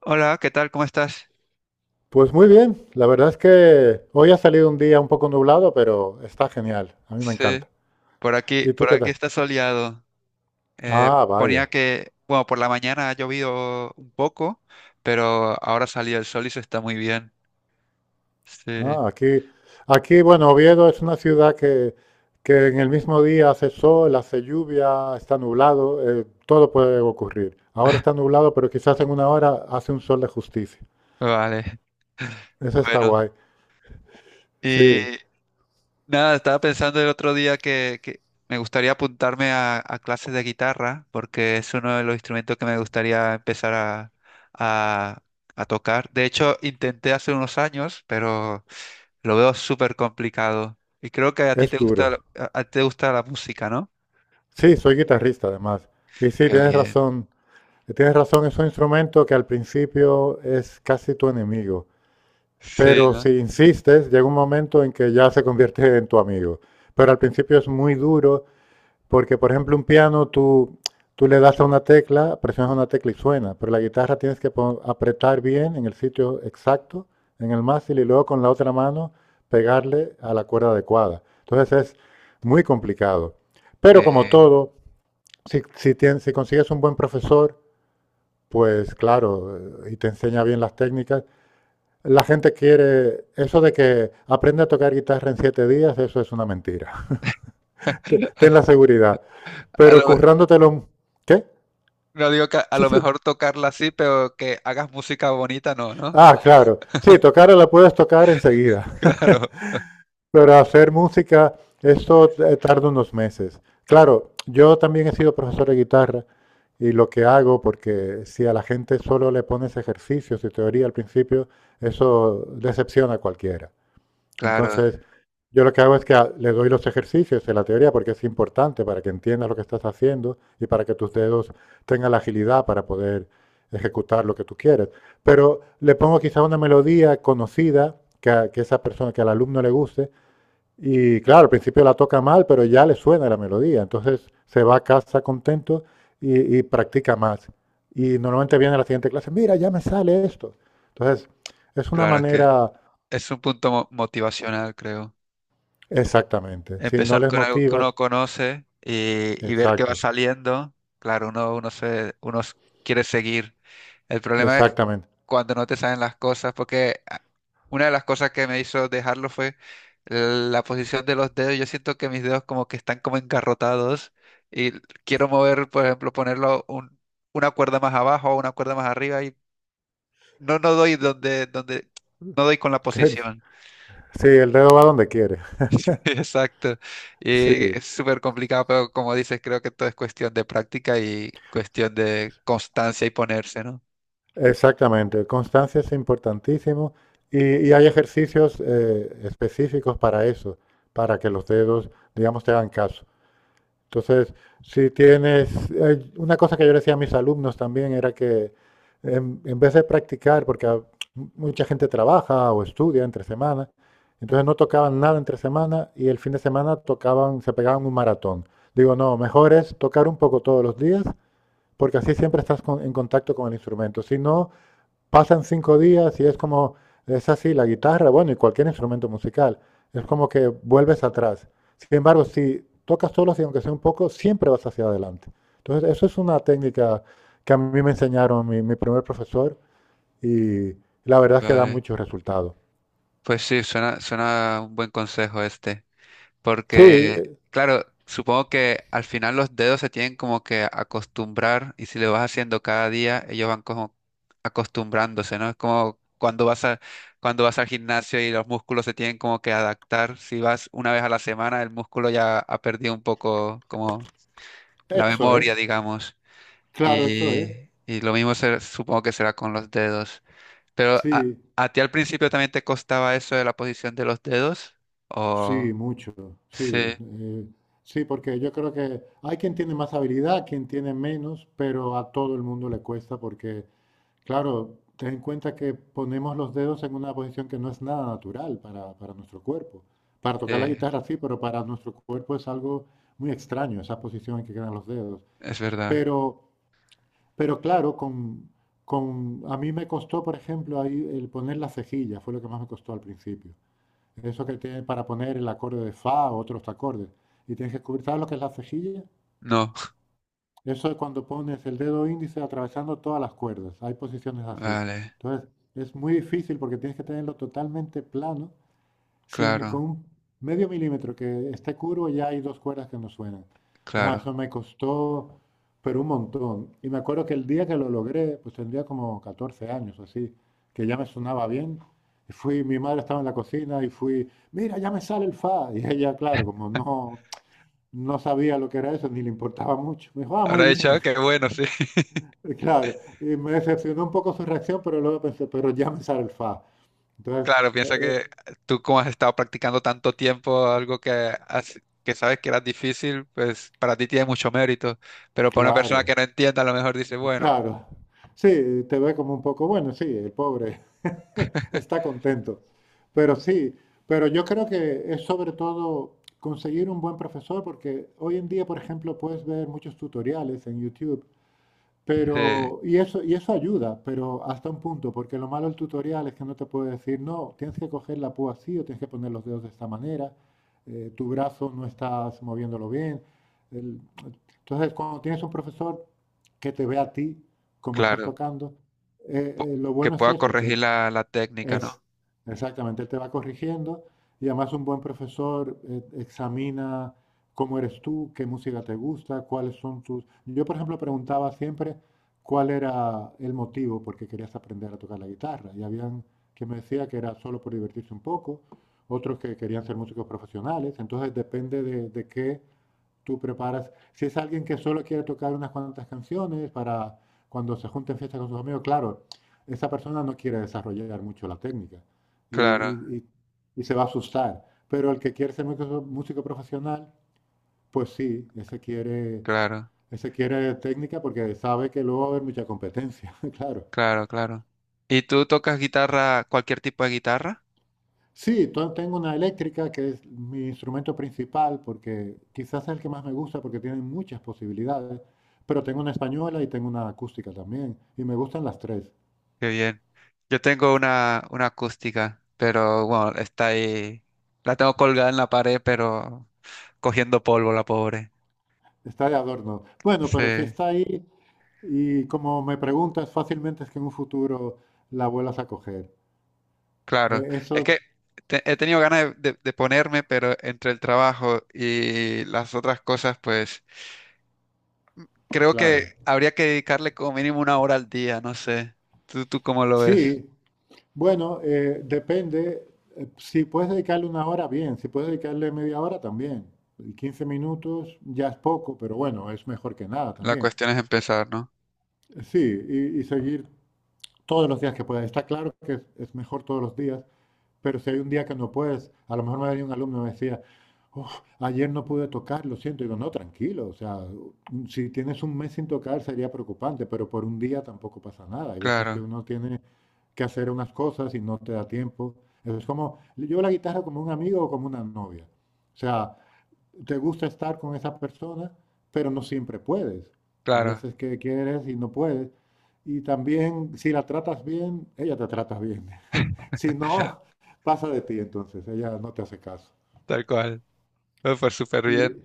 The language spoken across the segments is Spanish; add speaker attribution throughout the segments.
Speaker 1: Hola, ¿qué tal? ¿Cómo estás?
Speaker 2: Pues muy bien, la verdad es que hoy ha salido un día un poco nublado, pero está genial, a mí me
Speaker 1: Sí,
Speaker 2: encanta. ¿Y tú
Speaker 1: por
Speaker 2: qué
Speaker 1: aquí
Speaker 2: tal?
Speaker 1: está soleado. Eh,
Speaker 2: Ah,
Speaker 1: Ponía
Speaker 2: vaya.
Speaker 1: que, bueno, por la mañana ha llovido un poco, pero ahora salió el sol y se está muy bien. Sí,
Speaker 2: Ah, aquí, bueno, Oviedo es una ciudad que en el mismo día hace sol, hace lluvia, está nublado, todo puede ocurrir. Ahora está nublado, pero quizás en una hora hace un sol de justicia.
Speaker 1: vale.
Speaker 2: Eso está
Speaker 1: Bueno,
Speaker 2: guay.
Speaker 1: y
Speaker 2: Sí,
Speaker 1: nada, estaba pensando el otro día que me gustaría apuntarme a clases de guitarra, porque es uno de los instrumentos que me gustaría empezar a a tocar. De hecho, intenté hace unos años, pero lo veo súper complicado. Y creo que a ti
Speaker 2: es
Speaker 1: te gusta, la-
Speaker 2: duro.
Speaker 1: a, a ti te gusta la música, ¿no?
Speaker 2: Sí, soy guitarrista además. Y sí,
Speaker 1: Qué
Speaker 2: tienes
Speaker 1: bien.
Speaker 2: razón. Tienes razón, es un instrumento que al principio es casi tu enemigo.
Speaker 1: Sí,
Speaker 2: Pero
Speaker 1: ¿no?
Speaker 2: si insistes, llega un momento en que ya se convierte en tu amigo. Pero al principio es muy duro porque, por ejemplo, un piano tú le das a una tecla, presionas una tecla y suena, pero la guitarra tienes que apretar bien en el sitio exacto, en el mástil, y luego con la otra mano pegarle a la cuerda adecuada. Entonces es muy complicado. Pero como
Speaker 1: Sí.
Speaker 2: todo, si consigues un buen profesor, pues claro, y te enseña bien las técnicas, la gente quiere, eso de que aprende a tocar guitarra en 7 días, eso es una mentira. Ten la seguridad.
Speaker 1: A
Speaker 2: Pero
Speaker 1: lo, me-
Speaker 2: currándotelo, ¿qué?
Speaker 1: no digo que a
Speaker 2: Sí,
Speaker 1: lo
Speaker 2: sí.
Speaker 1: mejor tocarla así, pero que hagas música bonita, no, ¿no?
Speaker 2: Ah, claro. Sí, tocarla la puedes tocar enseguida.
Speaker 1: Claro,
Speaker 2: Pero hacer música, eso tarda unos meses. Claro, yo también he sido profesor de guitarra y lo que hago, porque si a la gente solo le pones ejercicios y teoría al principio, eso decepciona a cualquiera.
Speaker 1: claro,
Speaker 2: Entonces, yo lo que hago es que le doy los ejercicios de la teoría porque es importante para que entiendas lo que estás haciendo y para que tus dedos tengan la agilidad para poder ejecutar lo que tú quieres. Pero le pongo quizá una melodía conocida que esa persona, que al alumno le guste. Y claro, al principio la toca mal, pero ya le suena la melodía. Entonces se va a casa contento y practica más. Y normalmente viene a la siguiente clase, mira, ya me sale esto. Entonces, es una
Speaker 1: claro, es que
Speaker 2: manera.
Speaker 1: es un punto motivacional, creo.
Speaker 2: Exactamente. Si no
Speaker 1: Empezar
Speaker 2: les
Speaker 1: con algo que
Speaker 2: motivas,
Speaker 1: uno conoce y ver qué va
Speaker 2: exacto,
Speaker 1: saliendo. Claro, uno quiere seguir. El problema es
Speaker 2: exactamente.
Speaker 1: cuando no te salen las cosas, porque una de las cosas que me hizo dejarlo fue la posición de los dedos. Yo siento que mis dedos como que están como engarrotados y quiero mover, por ejemplo, una cuerda más abajo o una cuerda más arriba y no doy donde, no doy con la posición.
Speaker 2: Sí, el dedo va donde quiere.
Speaker 1: Exacto. Y
Speaker 2: Sí,
Speaker 1: es súper complicado, pero como dices, creo que todo es cuestión de práctica y cuestión de constancia y ponerse, ¿no?
Speaker 2: exactamente. Constancia es importantísimo y hay ejercicios específicos para eso, para que los dedos, digamos, te hagan caso. Entonces, si tienes, una cosa que yo le decía a mis alumnos también era que en vez de practicar, porque mucha gente trabaja o estudia entre semana, entonces no tocaban nada entre semana y el fin de semana tocaban, se pegaban un maratón. Digo, no, mejor es tocar un poco todos los días, porque así siempre estás en contacto con el instrumento. Si no, pasan 5 días y es como, es así, la guitarra, bueno, y cualquier instrumento musical, es como que vuelves atrás. Sin embargo, si tocas solo y aunque sea un poco, siempre vas hacia adelante. Entonces, eso es una técnica que a mí me enseñaron mi primer profesor y la verdad es que da
Speaker 1: Vale.
Speaker 2: muchos resultados.
Speaker 1: Pues sí, suena un buen consejo este,
Speaker 2: Sí,
Speaker 1: porque, claro, supongo que al final los dedos se tienen como que acostumbrar y si lo vas haciendo cada día, ellos van como acostumbrándose, ¿no? Es como cuando vas al gimnasio y los músculos se tienen como que adaptar, si vas una vez a la semana, el músculo ya ha perdido un poco como la
Speaker 2: eso
Speaker 1: memoria,
Speaker 2: es,
Speaker 1: digamos.
Speaker 2: claro, eso es.
Speaker 1: Y, y lo mismo supongo que será con los dedos. Pero
Speaker 2: Sí,
Speaker 1: a ti al principio también te costaba eso de la posición de los dedos.
Speaker 2: sí,
Speaker 1: O
Speaker 2: mucho,
Speaker 1: sí,
Speaker 2: sí. Sí, porque yo creo que hay quien tiene más habilidad, quien tiene menos, pero a todo el mundo le cuesta porque claro, ten en cuenta que ponemos los dedos en una posición que no es nada natural para, nuestro cuerpo. Para
Speaker 1: sí,
Speaker 2: tocar la guitarra sí, pero para nuestro cuerpo es algo muy extraño esa posición en que quedan los dedos.
Speaker 1: es verdad.
Speaker 2: Pero, pero claro, a mí me costó, por ejemplo, ahí el poner la cejilla, fue lo que más me costó al principio. Eso que tiene para poner el acorde de fa o otros acordes. Y tienes que descubrir, ¿sabes lo que es la cejilla?
Speaker 1: No,
Speaker 2: Eso es cuando pones el dedo índice atravesando todas las cuerdas. Hay posiciones así.
Speaker 1: vale,
Speaker 2: Entonces, es muy difícil porque tienes que tenerlo totalmente plano, sin, con
Speaker 1: claro,
Speaker 2: un medio milímetro que esté curvo ya hay dos cuerdas que no suenan. Entonces,
Speaker 1: claro.
Speaker 2: eso me costó, pero un montón. Y me acuerdo que el día que lo logré, pues tendría como 14 años o así, que ya me sonaba bien. Y fui, mi madre estaba en la cocina y fui, mira, ya me sale el fa. Y ella, claro, como no sabía lo que era eso, ni le importaba mucho. Me dijo, ah, muy
Speaker 1: Habrá dicho,
Speaker 2: bien.
Speaker 1: qué bueno, sí.
Speaker 2: Claro, y me decepcionó un poco su reacción, pero luego pensé, pero ya me sale el fa. Entonces,
Speaker 1: Claro, piensa que tú como has estado practicando tanto tiempo algo que, que sabes que era difícil, pues para ti tiene mucho mérito. Pero para una persona que
Speaker 2: claro,
Speaker 1: no entienda, a lo mejor dice, bueno,
Speaker 2: claro. Sí, te ve como un poco, bueno, sí, el pobre está contento. Pero sí, pero yo creo que es sobre todo conseguir un buen profesor, porque hoy en día, por ejemplo, puedes ver muchos tutoriales en YouTube.
Speaker 1: sí,
Speaker 2: Y eso ayuda, pero hasta un punto, porque lo malo del tutorial es que no te puede decir, no, tienes que coger la púa así o tienes que poner los dedos de esta manera, tu brazo no estás moviéndolo bien. el- entonces, cuando tienes un profesor que te ve a ti como estás
Speaker 1: claro.
Speaker 2: tocando,
Speaker 1: po-
Speaker 2: lo
Speaker 1: que
Speaker 2: bueno es
Speaker 1: pueda
Speaker 2: eso, que
Speaker 1: corregir
Speaker 2: él
Speaker 1: la, la técnica, ¿no?
Speaker 2: es, exactamente, él te va corrigiendo y además un buen profesor examina cómo eres tú, qué música te gusta, cuáles son tus... Yo, por ejemplo, preguntaba siempre cuál era el motivo por qué querías aprender a tocar la guitarra y habían quien me decía que era solo por divertirse un poco, otros que querían ser músicos profesionales, entonces depende de qué. Tú preparas, si es alguien que solo quiere tocar unas cuantas canciones para cuando se junten fiestas con sus amigos, claro, esa persona no quiere desarrollar mucho la técnica y,
Speaker 1: Claro,
Speaker 2: y- y- y se va a asustar. Pero el que quiere ser músico, músico profesional, pues sí, ese quiere,
Speaker 1: claro,
Speaker 2: ese quiere técnica porque sabe que luego va a haber mucha competencia, claro.
Speaker 1: claro, claro. ¿Y tú tocas guitarra, cualquier tipo de guitarra?
Speaker 2: Sí, tengo una eléctrica que es mi instrumento principal porque quizás es el que más me gusta porque tiene muchas posibilidades, pero tengo una española y tengo una acústica también y me gustan las tres.
Speaker 1: Qué bien. Yo tengo una acústica, pero bueno, está ahí. La tengo colgada en la pared, pero cogiendo polvo, la pobre.
Speaker 2: Está de adorno. Bueno, pero si
Speaker 1: Sí,
Speaker 2: está ahí y como me preguntas, fácilmente es que en un futuro la vuelvas a coger.
Speaker 1: claro. Es
Speaker 2: Eso,
Speaker 1: que he tenido ganas de, de ponerme, pero entre el trabajo y las otras cosas, pues creo que
Speaker 2: claro.
Speaker 1: habría que dedicarle como mínimo una hora al día, no sé. ¿Tú, tú cómo lo ves?
Speaker 2: Sí, bueno, depende. Si puedes dedicarle una hora, bien. Si puedes dedicarle media hora, también. Y 15 minutos ya es poco, pero bueno, es mejor que nada
Speaker 1: La
Speaker 2: también.
Speaker 1: cuestión es empezar, ¿no?
Speaker 2: Sí, y seguir todos los días que puedas. Está claro que es mejor todos los días, pero si hay un día que no puedes, a lo mejor me venía un alumno y me decía, "Uf, ayer no pude tocar, lo siento". Digo, no, tranquilo, o sea, si tienes un mes sin tocar sería preocupante, pero por un día tampoco pasa nada. Hay veces que
Speaker 1: Claro,
Speaker 2: uno tiene que hacer unas cosas y no te da tiempo. Es como, yo la guitarra como un amigo o como una novia. O sea, te gusta estar con esa persona, pero no siempre puedes. Hay
Speaker 1: claro,
Speaker 2: veces que quieres y no puedes. Y también, si la tratas bien, ella te trata bien. Si no, pasa de ti entonces, ella no te hace caso.
Speaker 1: tal cual. Me fue súper
Speaker 2: Y
Speaker 1: bien.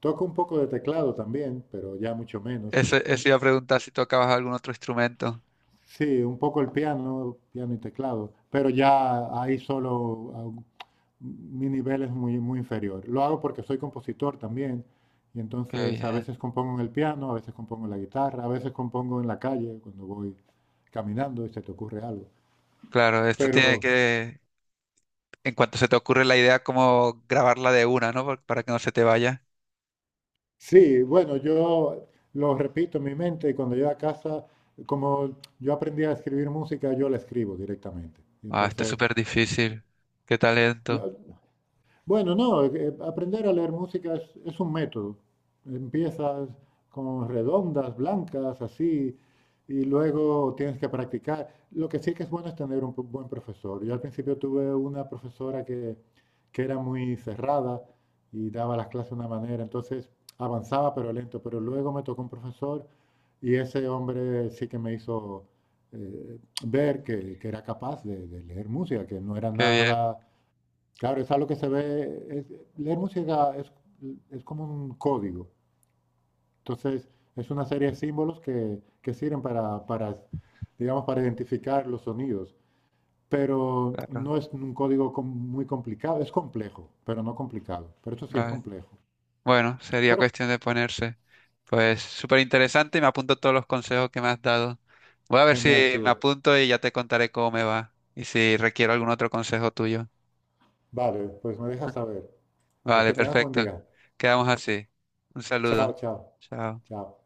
Speaker 2: toco un poco de teclado también, pero ya mucho menos.
Speaker 1: Ese iba a preguntar si tocabas algún otro instrumento.
Speaker 2: Sí, un poco el piano, piano y teclado, pero ya ahí solo mi nivel es muy, muy inferior. Lo hago porque soy compositor también, y
Speaker 1: Qué
Speaker 2: entonces a
Speaker 1: bien.
Speaker 2: veces compongo en el piano, a veces compongo en la guitarra, a veces compongo en la calle cuando voy caminando y se te ocurre algo.
Speaker 1: Claro, esto tiene
Speaker 2: Pero
Speaker 1: que, en cuanto se te ocurre la idea, como grabarla de una, ¿no? Por- Para que no se te vaya.
Speaker 2: sí, bueno, yo lo repito en mi mente y cuando llego a casa, como yo aprendí a escribir música, yo la escribo directamente. Y
Speaker 1: Ah, esto es
Speaker 2: entonces,
Speaker 1: súper difícil. Qué talento.
Speaker 2: bueno, no, aprender a leer música es, un método. Empiezas con redondas, blancas, así, y luego tienes que practicar. Lo que sí que es bueno es tener un buen profesor. Yo al principio tuve una profesora que era muy cerrada y daba las clases de una manera, entonces avanzaba pero lento, pero luego me tocó un profesor y ese hombre sí que me hizo eh, ver que, era capaz de leer música, que no era
Speaker 1: Qué bien.
Speaker 2: nada. Claro, es algo que se ve. Leer música es, como un código. Entonces, es una serie de símbolos que, sirven digamos, para identificar los sonidos. Pero
Speaker 1: Claro.
Speaker 2: no es un código muy complicado. Es complejo, pero no complicado. Pero eso sí es
Speaker 1: Vale.
Speaker 2: complejo.
Speaker 1: Bueno, sería
Speaker 2: Pero
Speaker 1: cuestión de ponerse. Pues súper interesante y me apunto todos los consejos que me has dado. Voy a ver si
Speaker 2: genial,
Speaker 1: me
Speaker 2: tío.
Speaker 1: apunto y ya te contaré cómo me va y si requiero algún otro consejo tuyo.
Speaker 2: Vale, pues me dejas saber. Pues
Speaker 1: Vale,
Speaker 2: que tengas buen
Speaker 1: perfecto.
Speaker 2: día.
Speaker 1: Quedamos así. Un
Speaker 2: Chao,
Speaker 1: saludo.
Speaker 2: chao.
Speaker 1: Chao.
Speaker 2: Chao.